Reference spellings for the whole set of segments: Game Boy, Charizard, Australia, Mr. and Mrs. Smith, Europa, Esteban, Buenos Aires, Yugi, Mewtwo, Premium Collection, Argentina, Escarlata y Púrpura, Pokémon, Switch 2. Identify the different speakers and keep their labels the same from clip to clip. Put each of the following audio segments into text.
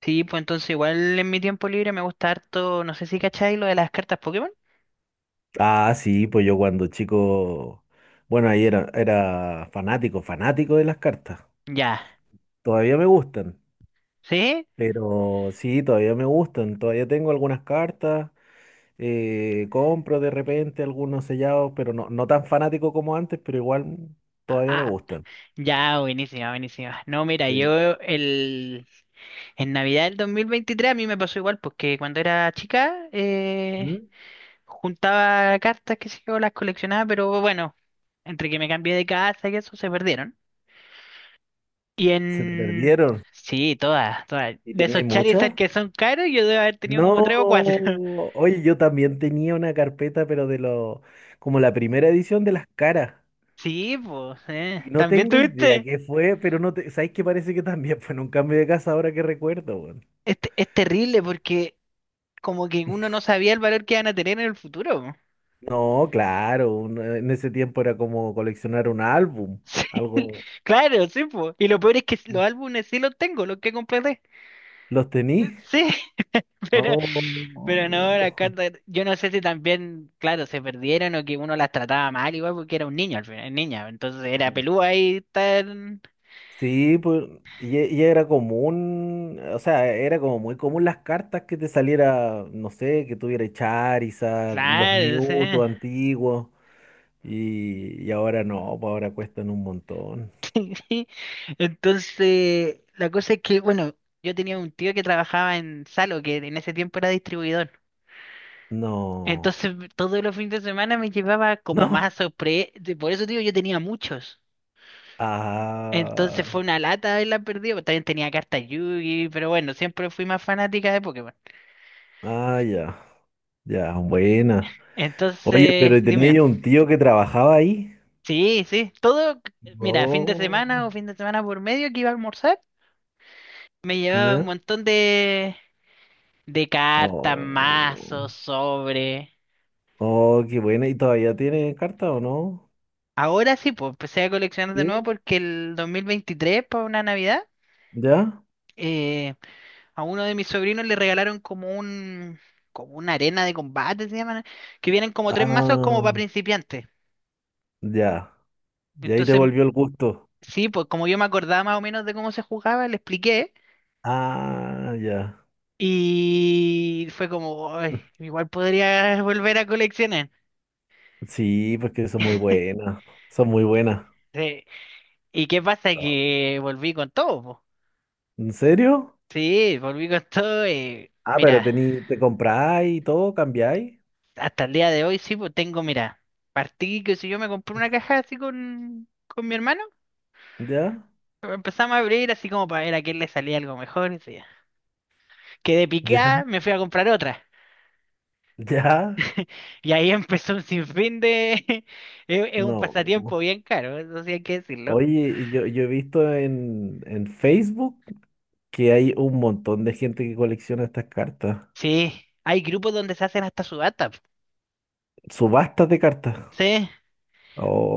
Speaker 1: Sí, pues entonces igual en mi tiempo libre me gusta harto, no sé si cacháis lo de las cartas Pokémon.
Speaker 2: Ah, sí, pues yo cuando chico, bueno, ahí era fanático, fanático de las cartas.
Speaker 1: Ya,
Speaker 2: Todavía me gustan,
Speaker 1: ¿sí?
Speaker 2: pero sí, todavía me gustan. Todavía tengo algunas cartas, compro de repente algunos sellados, pero no, no tan fanático como antes, pero igual todavía me
Speaker 1: Ah, ah,
Speaker 2: gustan.
Speaker 1: ya, buenísima, buenísima. No, mira,
Speaker 2: Sí.
Speaker 1: en Navidad del 2023 a mí me pasó igual, porque cuando era chica
Speaker 2: ¿Mm?
Speaker 1: juntaba cartas, que sé yo, las coleccionaba, pero bueno, entre que me cambié de casa y eso se perdieron. Y
Speaker 2: ¿Se te
Speaker 1: en...
Speaker 2: perdieron?
Speaker 1: Sí, todas, todas.
Speaker 2: ¿Y
Speaker 1: De
Speaker 2: tenías
Speaker 1: esos Charizard
Speaker 2: muchas?
Speaker 1: que son caros, yo debo haber tenido como tres o cuatro.
Speaker 2: No, oye, yo también tenía una carpeta, pero como la primera edición de las caras.
Speaker 1: Sí, pues.
Speaker 2: Y no
Speaker 1: ¿También
Speaker 2: tengo idea
Speaker 1: tuviste?
Speaker 2: qué fue, pero no te, ¿sabes qué? Parece que también fue en un cambio de casa ahora que recuerdo, weón.
Speaker 1: Es terrible porque como que uno no sabía el valor que iban a tener en el futuro, po.
Speaker 2: No, claro, en ese tiempo era como coleccionar un álbum,
Speaker 1: Sí,
Speaker 2: algo.
Speaker 1: claro, sí, po. Y lo peor es que los álbumes sí los tengo, los que completé.
Speaker 2: ¿Los tení?
Speaker 1: Sí, pero,
Speaker 2: No.
Speaker 1: pero no, las cartas, yo no sé, si también, claro, se perdieron o que uno las trataba mal igual porque era un niño al final, niña, entonces era pelúa ahí tan.
Speaker 2: Sí, pues, y era común, o sea, era como muy común las cartas que te saliera, no sé, que tuviera Charizard, los
Speaker 1: Claro, sí.
Speaker 2: Mewtwo antiguos, y ahora no, pues ahora cuestan un montón.
Speaker 1: Sí. Entonces, la cosa es que, bueno, yo tenía un tío que trabajaba en Salo, que en ese tiempo era distribuidor.
Speaker 2: No,
Speaker 1: Entonces todos los fines de semana me llevaba como
Speaker 2: no.
Speaker 1: más sorpresa. Por eso, digo, yo tenía muchos. Entonces
Speaker 2: Ah,
Speaker 1: fue una lata haberla perdido. También tenía cartas Yugi, pero bueno, siempre fui más fanática de Pokémon.
Speaker 2: ah, ya, ya, buena. Oye,
Speaker 1: Entonces,
Speaker 2: pero tenía
Speaker 1: dime,
Speaker 2: yo un tío que trabajaba ahí.
Speaker 1: sí, sí, todo, mira, fin de
Speaker 2: No,
Speaker 1: semana o fin de semana por medio que iba a almorzar, me llevaba un
Speaker 2: ¿ya?
Speaker 1: montón de cartas,
Speaker 2: Oh,
Speaker 1: mazos, sobre.
Speaker 2: oh, qué buena. ¿Y todavía tiene carta o no?
Speaker 1: Ahora sí, pues empecé a coleccionar de nuevo
Speaker 2: ¿Sí?
Speaker 1: porque el 2023, para una Navidad,
Speaker 2: ¿Ya?
Speaker 1: eh, a uno de mis sobrinos le regalaron como una arena de combate, se llaman, que vienen como tres mazos como
Speaker 2: Ah,
Speaker 1: para principiantes.
Speaker 2: ya. Y ahí te
Speaker 1: Entonces,
Speaker 2: volvió el gusto.
Speaker 1: sí, pues como yo me acordaba más o menos de cómo se jugaba, le expliqué
Speaker 2: Ah, ya.
Speaker 1: y fue como: "Ay, igual podría volver a coleccionar".
Speaker 2: Sí, pues que son muy buenas. Son muy buenas.
Speaker 1: Sí. ¿Y qué pasa? Que volví con todo, po.
Speaker 2: ¿En serio?
Speaker 1: Sí, volví con todo.
Speaker 2: Ah, pero
Speaker 1: Mira,
Speaker 2: tení, te compráis y todo, cambiáis.
Speaker 1: hasta el día de hoy sí, pues tengo, mira, partí que si yo me compré una caja así con mi hermano.
Speaker 2: ¿Ya?
Speaker 1: Empezamos a abrir así como para ver a quién le salía algo mejor. Y sí. Quedé picada,
Speaker 2: ¿Ya?
Speaker 1: me fui a comprar otra.
Speaker 2: ¿Ya?
Speaker 1: Y ahí empezó un sinfín de. Es un
Speaker 2: No.
Speaker 1: pasatiempo bien caro, eso sí hay que decirlo.
Speaker 2: Oye, yo he visto en Facebook que hay un montón de gente que colecciona estas cartas.
Speaker 1: Sí, hay grupos donde se hacen hasta subasta.
Speaker 2: Subastas de cartas.
Speaker 1: Sí,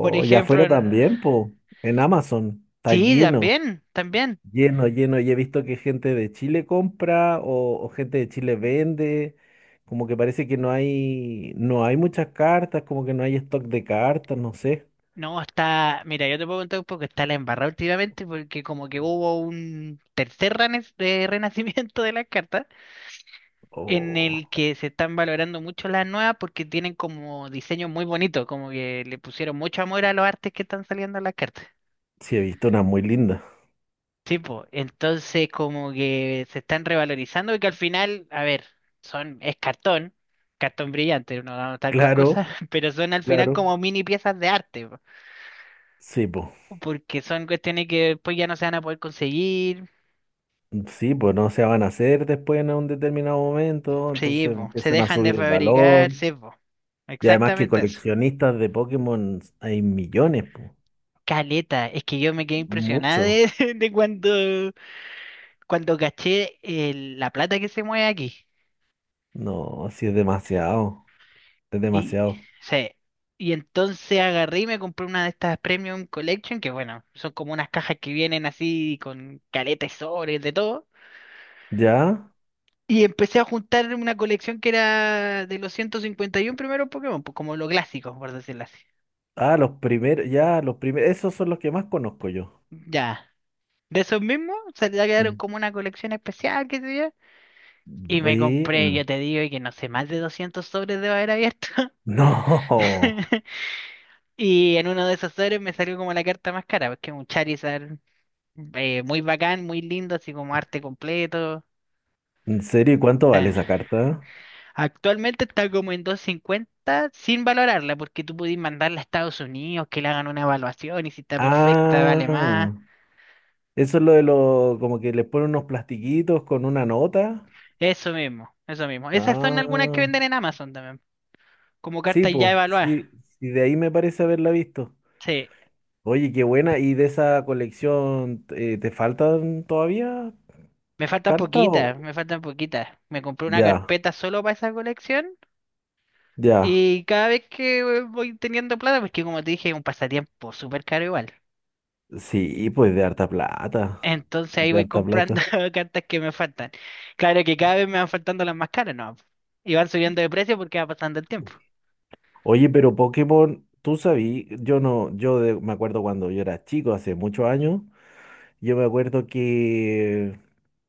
Speaker 1: por
Speaker 2: ya
Speaker 1: ejemplo.
Speaker 2: afuera también, po. En Amazon. Está
Speaker 1: Sí,
Speaker 2: lleno,
Speaker 1: también, también.
Speaker 2: lleno, lleno. Y he visto que gente de Chile compra o gente de Chile vende. Como que parece que no hay muchas cartas, como que no hay stock de cartas, no sé.
Speaker 1: No, está. Mira, yo te puedo contar un poco que está la embarrada últimamente porque como que hubo un tercer renacimiento de las cartas, en
Speaker 2: O
Speaker 1: el que se están valorando mucho las nuevas porque tienen como diseños muy bonitos, como que le pusieron mucho amor a los artes que están saliendo en las cartas.
Speaker 2: sí, he visto una muy linda.
Speaker 1: Sí, pues, entonces como que se están revalorizando y que al final, a ver, es cartón, cartón brillante, no vamos a estar con cosas,
Speaker 2: Claro,
Speaker 1: pero son al final
Speaker 2: claro.
Speaker 1: como mini piezas de arte, po,
Speaker 2: Sí, po.
Speaker 1: porque son cuestiones que después ya no se van a poder conseguir,
Speaker 2: Sí, pues no se van a hacer después en un determinado momento, entonces
Speaker 1: sí, po, se
Speaker 2: empiezan a
Speaker 1: dejan de
Speaker 2: subir el
Speaker 1: fabricar,
Speaker 2: valor.
Speaker 1: sí, po,
Speaker 2: Y además que
Speaker 1: exactamente eso.
Speaker 2: coleccionistas de Pokémon hay millones, pues.
Speaker 1: Caleta, es que yo me quedé impresionada
Speaker 2: Mucho.
Speaker 1: de, de cuando caché la plata que se mueve aquí.
Speaker 2: No, sí es demasiado. Es
Speaker 1: Y,
Speaker 2: demasiado.
Speaker 1: sí, y entonces agarré y me compré una de estas Premium Collection, que bueno, son como unas cajas que vienen así con caleta y sobres de todo.
Speaker 2: ¿Ya?
Speaker 1: Y empecé a juntar una colección que era de los 151 primeros Pokémon, pues como los clásicos, por decirlo así.
Speaker 2: Ah, los primeros, ya, los primeros, esos son los que más conozco yo.
Speaker 1: Ya. De esos mismos, se le quedaron
Speaker 2: Mm.
Speaker 1: como una colección especial, qué sé yo. Y me compré,
Speaker 2: Buena.
Speaker 1: yo te digo, y que no sé, más de 200 sobres debo haber abierto.
Speaker 2: No.
Speaker 1: Y en uno de esos sobres me salió como la carta más cara, porque es un Charizard muy bacán, muy lindo, así como arte completo.
Speaker 2: ¿En serio? ¿Y cuánto vale
Speaker 1: Eh,
Speaker 2: esa carta?
Speaker 1: Actualmente está como en 250 sin valorarla, porque tú pudiste mandarla a Estados Unidos, que le hagan una evaluación y si está perfecta vale más.
Speaker 2: Ah, eso es lo de los, como que les ponen unos plastiquitos con una nota.
Speaker 1: Eso mismo, eso mismo. Esas son algunas que
Speaker 2: Ah,
Speaker 1: venden en Amazon también, como
Speaker 2: sí,
Speaker 1: cartas ya
Speaker 2: pues,
Speaker 1: evaluadas.
Speaker 2: sí, sí, de ahí me parece haberla visto.
Speaker 1: Sí.
Speaker 2: Oye, qué buena. ¿Y de esa colección te faltan todavía
Speaker 1: Me faltan
Speaker 2: cartas
Speaker 1: poquitas,
Speaker 2: o...?
Speaker 1: me faltan poquitas. Me compré una
Speaker 2: Ya,
Speaker 1: carpeta solo para esa colección
Speaker 2: ya.
Speaker 1: y cada vez que voy teniendo plata, porque como te dije, es un pasatiempo súper caro igual.
Speaker 2: Sí, pues de harta plata.
Speaker 1: Entonces ahí
Speaker 2: De
Speaker 1: voy
Speaker 2: harta
Speaker 1: comprando
Speaker 2: plata.
Speaker 1: cartas que me faltan. Claro que cada vez me van faltando las más caras, ¿no? Y van subiendo de precio porque va pasando el tiempo.
Speaker 2: Oye, pero Pokémon, tú sabí, yo no, me acuerdo cuando yo era chico, hace muchos años, yo me acuerdo que,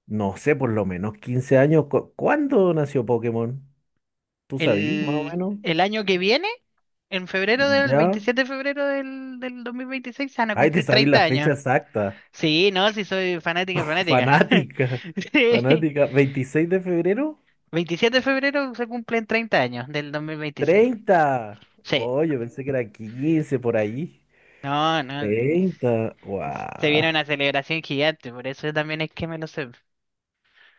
Speaker 2: no sé, por lo menos 15 años, ¿cuándo nació Pokémon? ¿Tú sabí, más o
Speaker 1: El,
Speaker 2: menos?
Speaker 1: el año que viene, en febrero del,
Speaker 2: ¿Ya?
Speaker 1: 27 de febrero del 2026, se van a
Speaker 2: Ay, te
Speaker 1: cumplir
Speaker 2: sabí la
Speaker 1: 30
Speaker 2: fecha
Speaker 1: años.
Speaker 2: exacta.
Speaker 1: Sí, no, sí soy fanática, fanática.
Speaker 2: Fanática.
Speaker 1: Sí.
Speaker 2: Fanática. ¿26 de febrero?
Speaker 1: 27 de febrero se cumplen 30 años del 2026.
Speaker 2: 30.
Speaker 1: Sí.
Speaker 2: Oh, yo pensé que era 15 por ahí.
Speaker 1: No, no.
Speaker 2: 30,
Speaker 1: Se
Speaker 2: ¡Wow!
Speaker 1: viene una celebración gigante, por eso también es que me lo sé.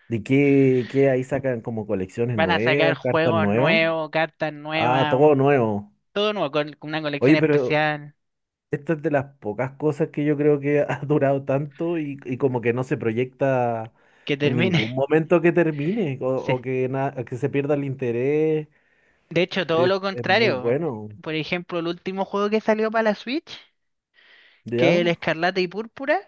Speaker 2: ¿De qué ahí sacan como colecciones
Speaker 1: Van a sacar
Speaker 2: nuevas, cartas
Speaker 1: juegos
Speaker 2: nuevas?
Speaker 1: nuevos, cartas
Speaker 2: Ah,
Speaker 1: nuevas,
Speaker 2: todo nuevo.
Speaker 1: todo nuevo, con una colección
Speaker 2: Oye, pero
Speaker 1: especial
Speaker 2: esta es de las pocas cosas que yo creo que ha durado tanto y como que no se proyecta
Speaker 1: que
Speaker 2: en
Speaker 1: termine.
Speaker 2: ningún momento que termine o,
Speaker 1: Sí.
Speaker 2: o que se pierda el interés.
Speaker 1: De hecho, todo
Speaker 2: Es,
Speaker 1: lo
Speaker 2: es muy
Speaker 1: contrario.
Speaker 2: bueno.
Speaker 1: Por ejemplo, el último juego que salió para la Switch, que es
Speaker 2: ¿Ya?
Speaker 1: el Escarlata y Púrpura,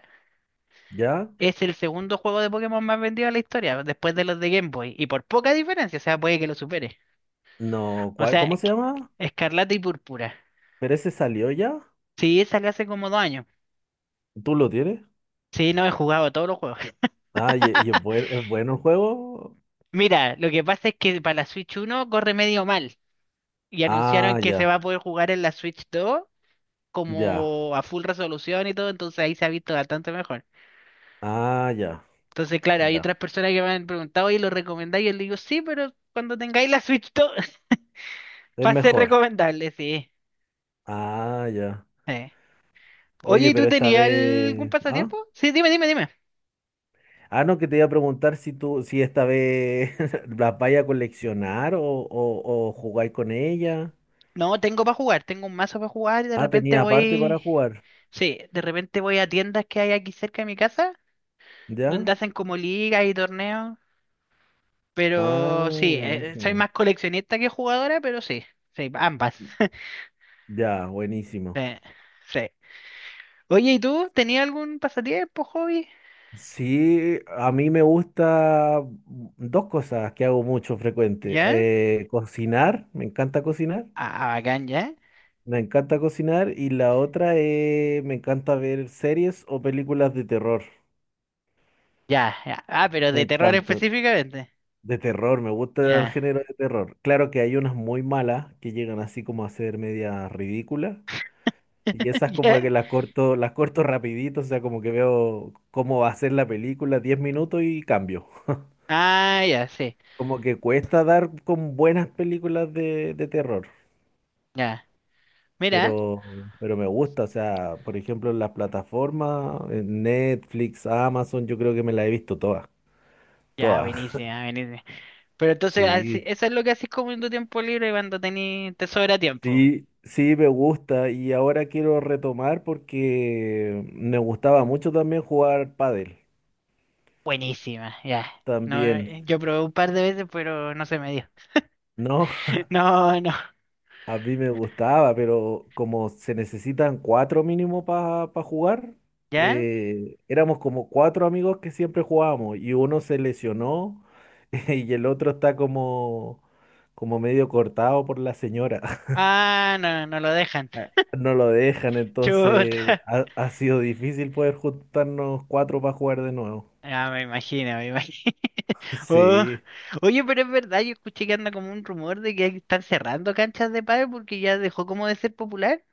Speaker 2: ¿Ya?
Speaker 1: es el segundo juego de Pokémon más vendido de la historia, después de los de Game Boy. Y por poca diferencia, o sea, puede que lo supere.
Speaker 2: No,
Speaker 1: O
Speaker 2: ¿cuál?
Speaker 1: sea,
Speaker 2: ¿Cómo se llama?
Speaker 1: Escarlata y Púrpura.
Speaker 2: ¿Pero ese salió ya?
Speaker 1: Sí, esa la hace como 2 años.
Speaker 2: ¿Tú lo tienes?
Speaker 1: Sí, no he jugado todos los juegos.
Speaker 2: Ah, y es bueno el juego.
Speaker 1: Mira, lo que pasa es que para la Switch uno corre medio mal. Y anunciaron
Speaker 2: Ah,
Speaker 1: que se
Speaker 2: ya,
Speaker 1: va a poder jugar en la Switch 2
Speaker 2: ya.
Speaker 1: como a full resolución y todo, entonces ahí se ha visto bastante mejor.
Speaker 2: Ah, ya,
Speaker 1: Entonces, claro, hay
Speaker 2: ya.
Speaker 1: otras personas que me han preguntado, ¿y lo recomendáis? Y yo le digo, sí, pero cuando tengáis la Switch 2,
Speaker 2: Es
Speaker 1: va a ser
Speaker 2: mejor.
Speaker 1: recomendable, sí.
Speaker 2: Ah, ya.
Speaker 1: Eh. Oye,
Speaker 2: Oye,
Speaker 1: ¿y tú
Speaker 2: pero esta
Speaker 1: tenías algún
Speaker 2: vez. Ah,
Speaker 1: pasatiempo? Sí, dime, dime, dime.
Speaker 2: ah, no, que te iba a preguntar si esta vez las vaya a coleccionar o jugáis con ella.
Speaker 1: No, tengo para jugar, tengo un mazo para jugar y de
Speaker 2: Ah,
Speaker 1: repente
Speaker 2: tenía aparte para
Speaker 1: voy.
Speaker 2: jugar.
Speaker 1: Sí, de repente voy a tiendas que hay aquí cerca de mi casa, donde
Speaker 2: ¿Ya?
Speaker 1: hacen como ligas y torneos,
Speaker 2: Ah,
Speaker 1: pero sí, soy
Speaker 2: buenísimo.
Speaker 1: más coleccionista que jugadora, pero sí, sí, ambas.
Speaker 2: Ya,
Speaker 1: Sí,
Speaker 2: buenísimo.
Speaker 1: sí. Oye, ¿y tú tenías algún pasatiempo, hobby?
Speaker 2: Sí, a mí me gusta dos cosas que hago mucho frecuente.
Speaker 1: ¿Ya?
Speaker 2: Me encanta cocinar,
Speaker 1: Ah, bacán, ¿ya?
Speaker 2: me encanta cocinar y la otra es, me encanta ver series o películas de terror.
Speaker 1: Ya, ya. Ah, pero
Speaker 2: Me
Speaker 1: de terror
Speaker 2: encanta.
Speaker 1: específicamente.
Speaker 2: De terror, me gusta el
Speaker 1: Ya.
Speaker 2: género de terror. Claro que hay unas muy malas que llegan así como a ser media ridículas y esas como
Speaker 1: ¿Ya?
Speaker 2: que las corto rapidito, o sea, como que veo cómo va a ser la película, 10 minutos y cambio.
Speaker 1: Ah, ya, sí.
Speaker 2: Como que cuesta dar con buenas películas de terror,
Speaker 1: Ya. Mira.
Speaker 2: pero, pero me gusta. O sea, por ejemplo, en las plataformas, en Netflix, Amazon, yo creo que me las he visto todas.
Speaker 1: Ya,
Speaker 2: Todas.
Speaker 1: buenísima, buenísima. Pero entonces,
Speaker 2: Sí,
Speaker 1: eso es lo que haces como en tu tiempo libre cuando tení, te sobra tiempo.
Speaker 2: sí, sí, me gusta. Y ahora quiero retomar porque me gustaba mucho también jugar pádel.
Speaker 1: Buenísima, ya. No,
Speaker 2: También.
Speaker 1: yo probé un par de veces, pero no se me dio.
Speaker 2: No,
Speaker 1: No, no.
Speaker 2: a mí me gustaba, pero como se necesitan cuatro mínimo para jugar,
Speaker 1: ¿Ya?
Speaker 2: éramos como cuatro amigos que siempre jugábamos y uno se lesionó y el otro está como medio cortado por la señora.
Speaker 1: Ah, no, no lo dejan.
Speaker 2: No lo dejan, entonces
Speaker 1: Chuta.
Speaker 2: ha sido difícil poder juntarnos cuatro para jugar de nuevo.
Speaker 1: Ah, me imagino, me imagino. Oh.
Speaker 2: Sí.
Speaker 1: Oye, pero es verdad, yo escuché que anda como un rumor de que están cerrando canchas de pádel porque ya dejó como de ser popular.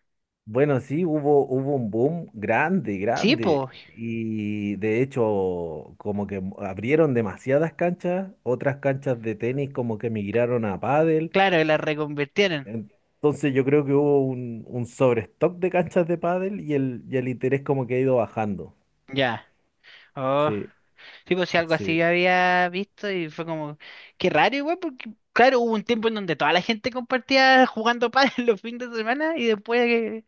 Speaker 2: Bueno, sí, hubo un boom grande,
Speaker 1: Sí,
Speaker 2: grande.
Speaker 1: pues,
Speaker 2: Y de hecho, como que abrieron demasiadas canchas, otras canchas de tenis como que migraron a pádel.
Speaker 1: claro, la reconvirtieron.
Speaker 2: Entonces yo creo que hubo un sobrestock de canchas de pádel y el interés como que ha ido bajando.
Speaker 1: Ya. Oh.
Speaker 2: Sí,
Speaker 1: Sí, pues sí, algo así
Speaker 2: sí,
Speaker 1: yo había visto y fue como, qué raro igual, porque claro, hubo un tiempo en donde toda la gente compartía jugando pádel los fines de semana y después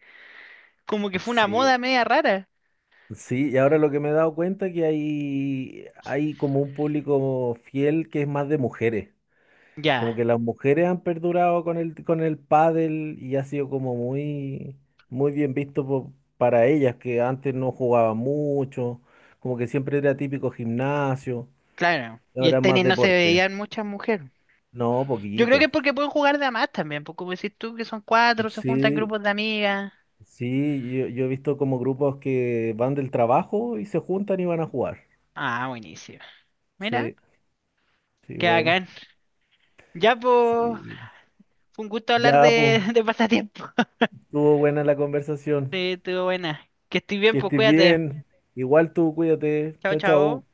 Speaker 1: como que fue una
Speaker 2: sí,
Speaker 1: moda media rara.
Speaker 2: sí. Y ahora lo que me he dado cuenta es que hay como un público fiel que es más de mujeres.
Speaker 1: Ya,
Speaker 2: Como que las mujeres han perdurado con el pádel y ha sido como muy, muy bien visto para ellas, que antes no jugaban mucho, como que siempre era típico gimnasio,
Speaker 1: claro.
Speaker 2: y
Speaker 1: Y
Speaker 2: ahora
Speaker 1: el
Speaker 2: es más
Speaker 1: tenis no se
Speaker 2: deporte.
Speaker 1: veían muchas mujeres.
Speaker 2: No,
Speaker 1: Yo creo que
Speaker 2: poquito.
Speaker 1: es porque pueden jugar de a más también, pues como decís tú, que son cuatro, se juntan
Speaker 2: Sí,
Speaker 1: grupos de amigas.
Speaker 2: sí, yo he visto como grupos que van del trabajo y se juntan y van a jugar.
Speaker 1: Ah, buenísimo. Mira,
Speaker 2: Sí, sí,
Speaker 1: qué
Speaker 2: bueno.
Speaker 1: bacán. Ya, pues,
Speaker 2: Sí.
Speaker 1: fue un gusto hablar
Speaker 2: Ya, pues,
Speaker 1: de pasatiempo.
Speaker 2: estuvo buena la conversación.
Speaker 1: Sí, estuvo buena. Que estoy bien,
Speaker 2: Que
Speaker 1: pues
Speaker 2: estés
Speaker 1: cuídate.
Speaker 2: bien. Igual tú, cuídate.
Speaker 1: Chao,
Speaker 2: Chao,
Speaker 1: chao.
Speaker 2: chao.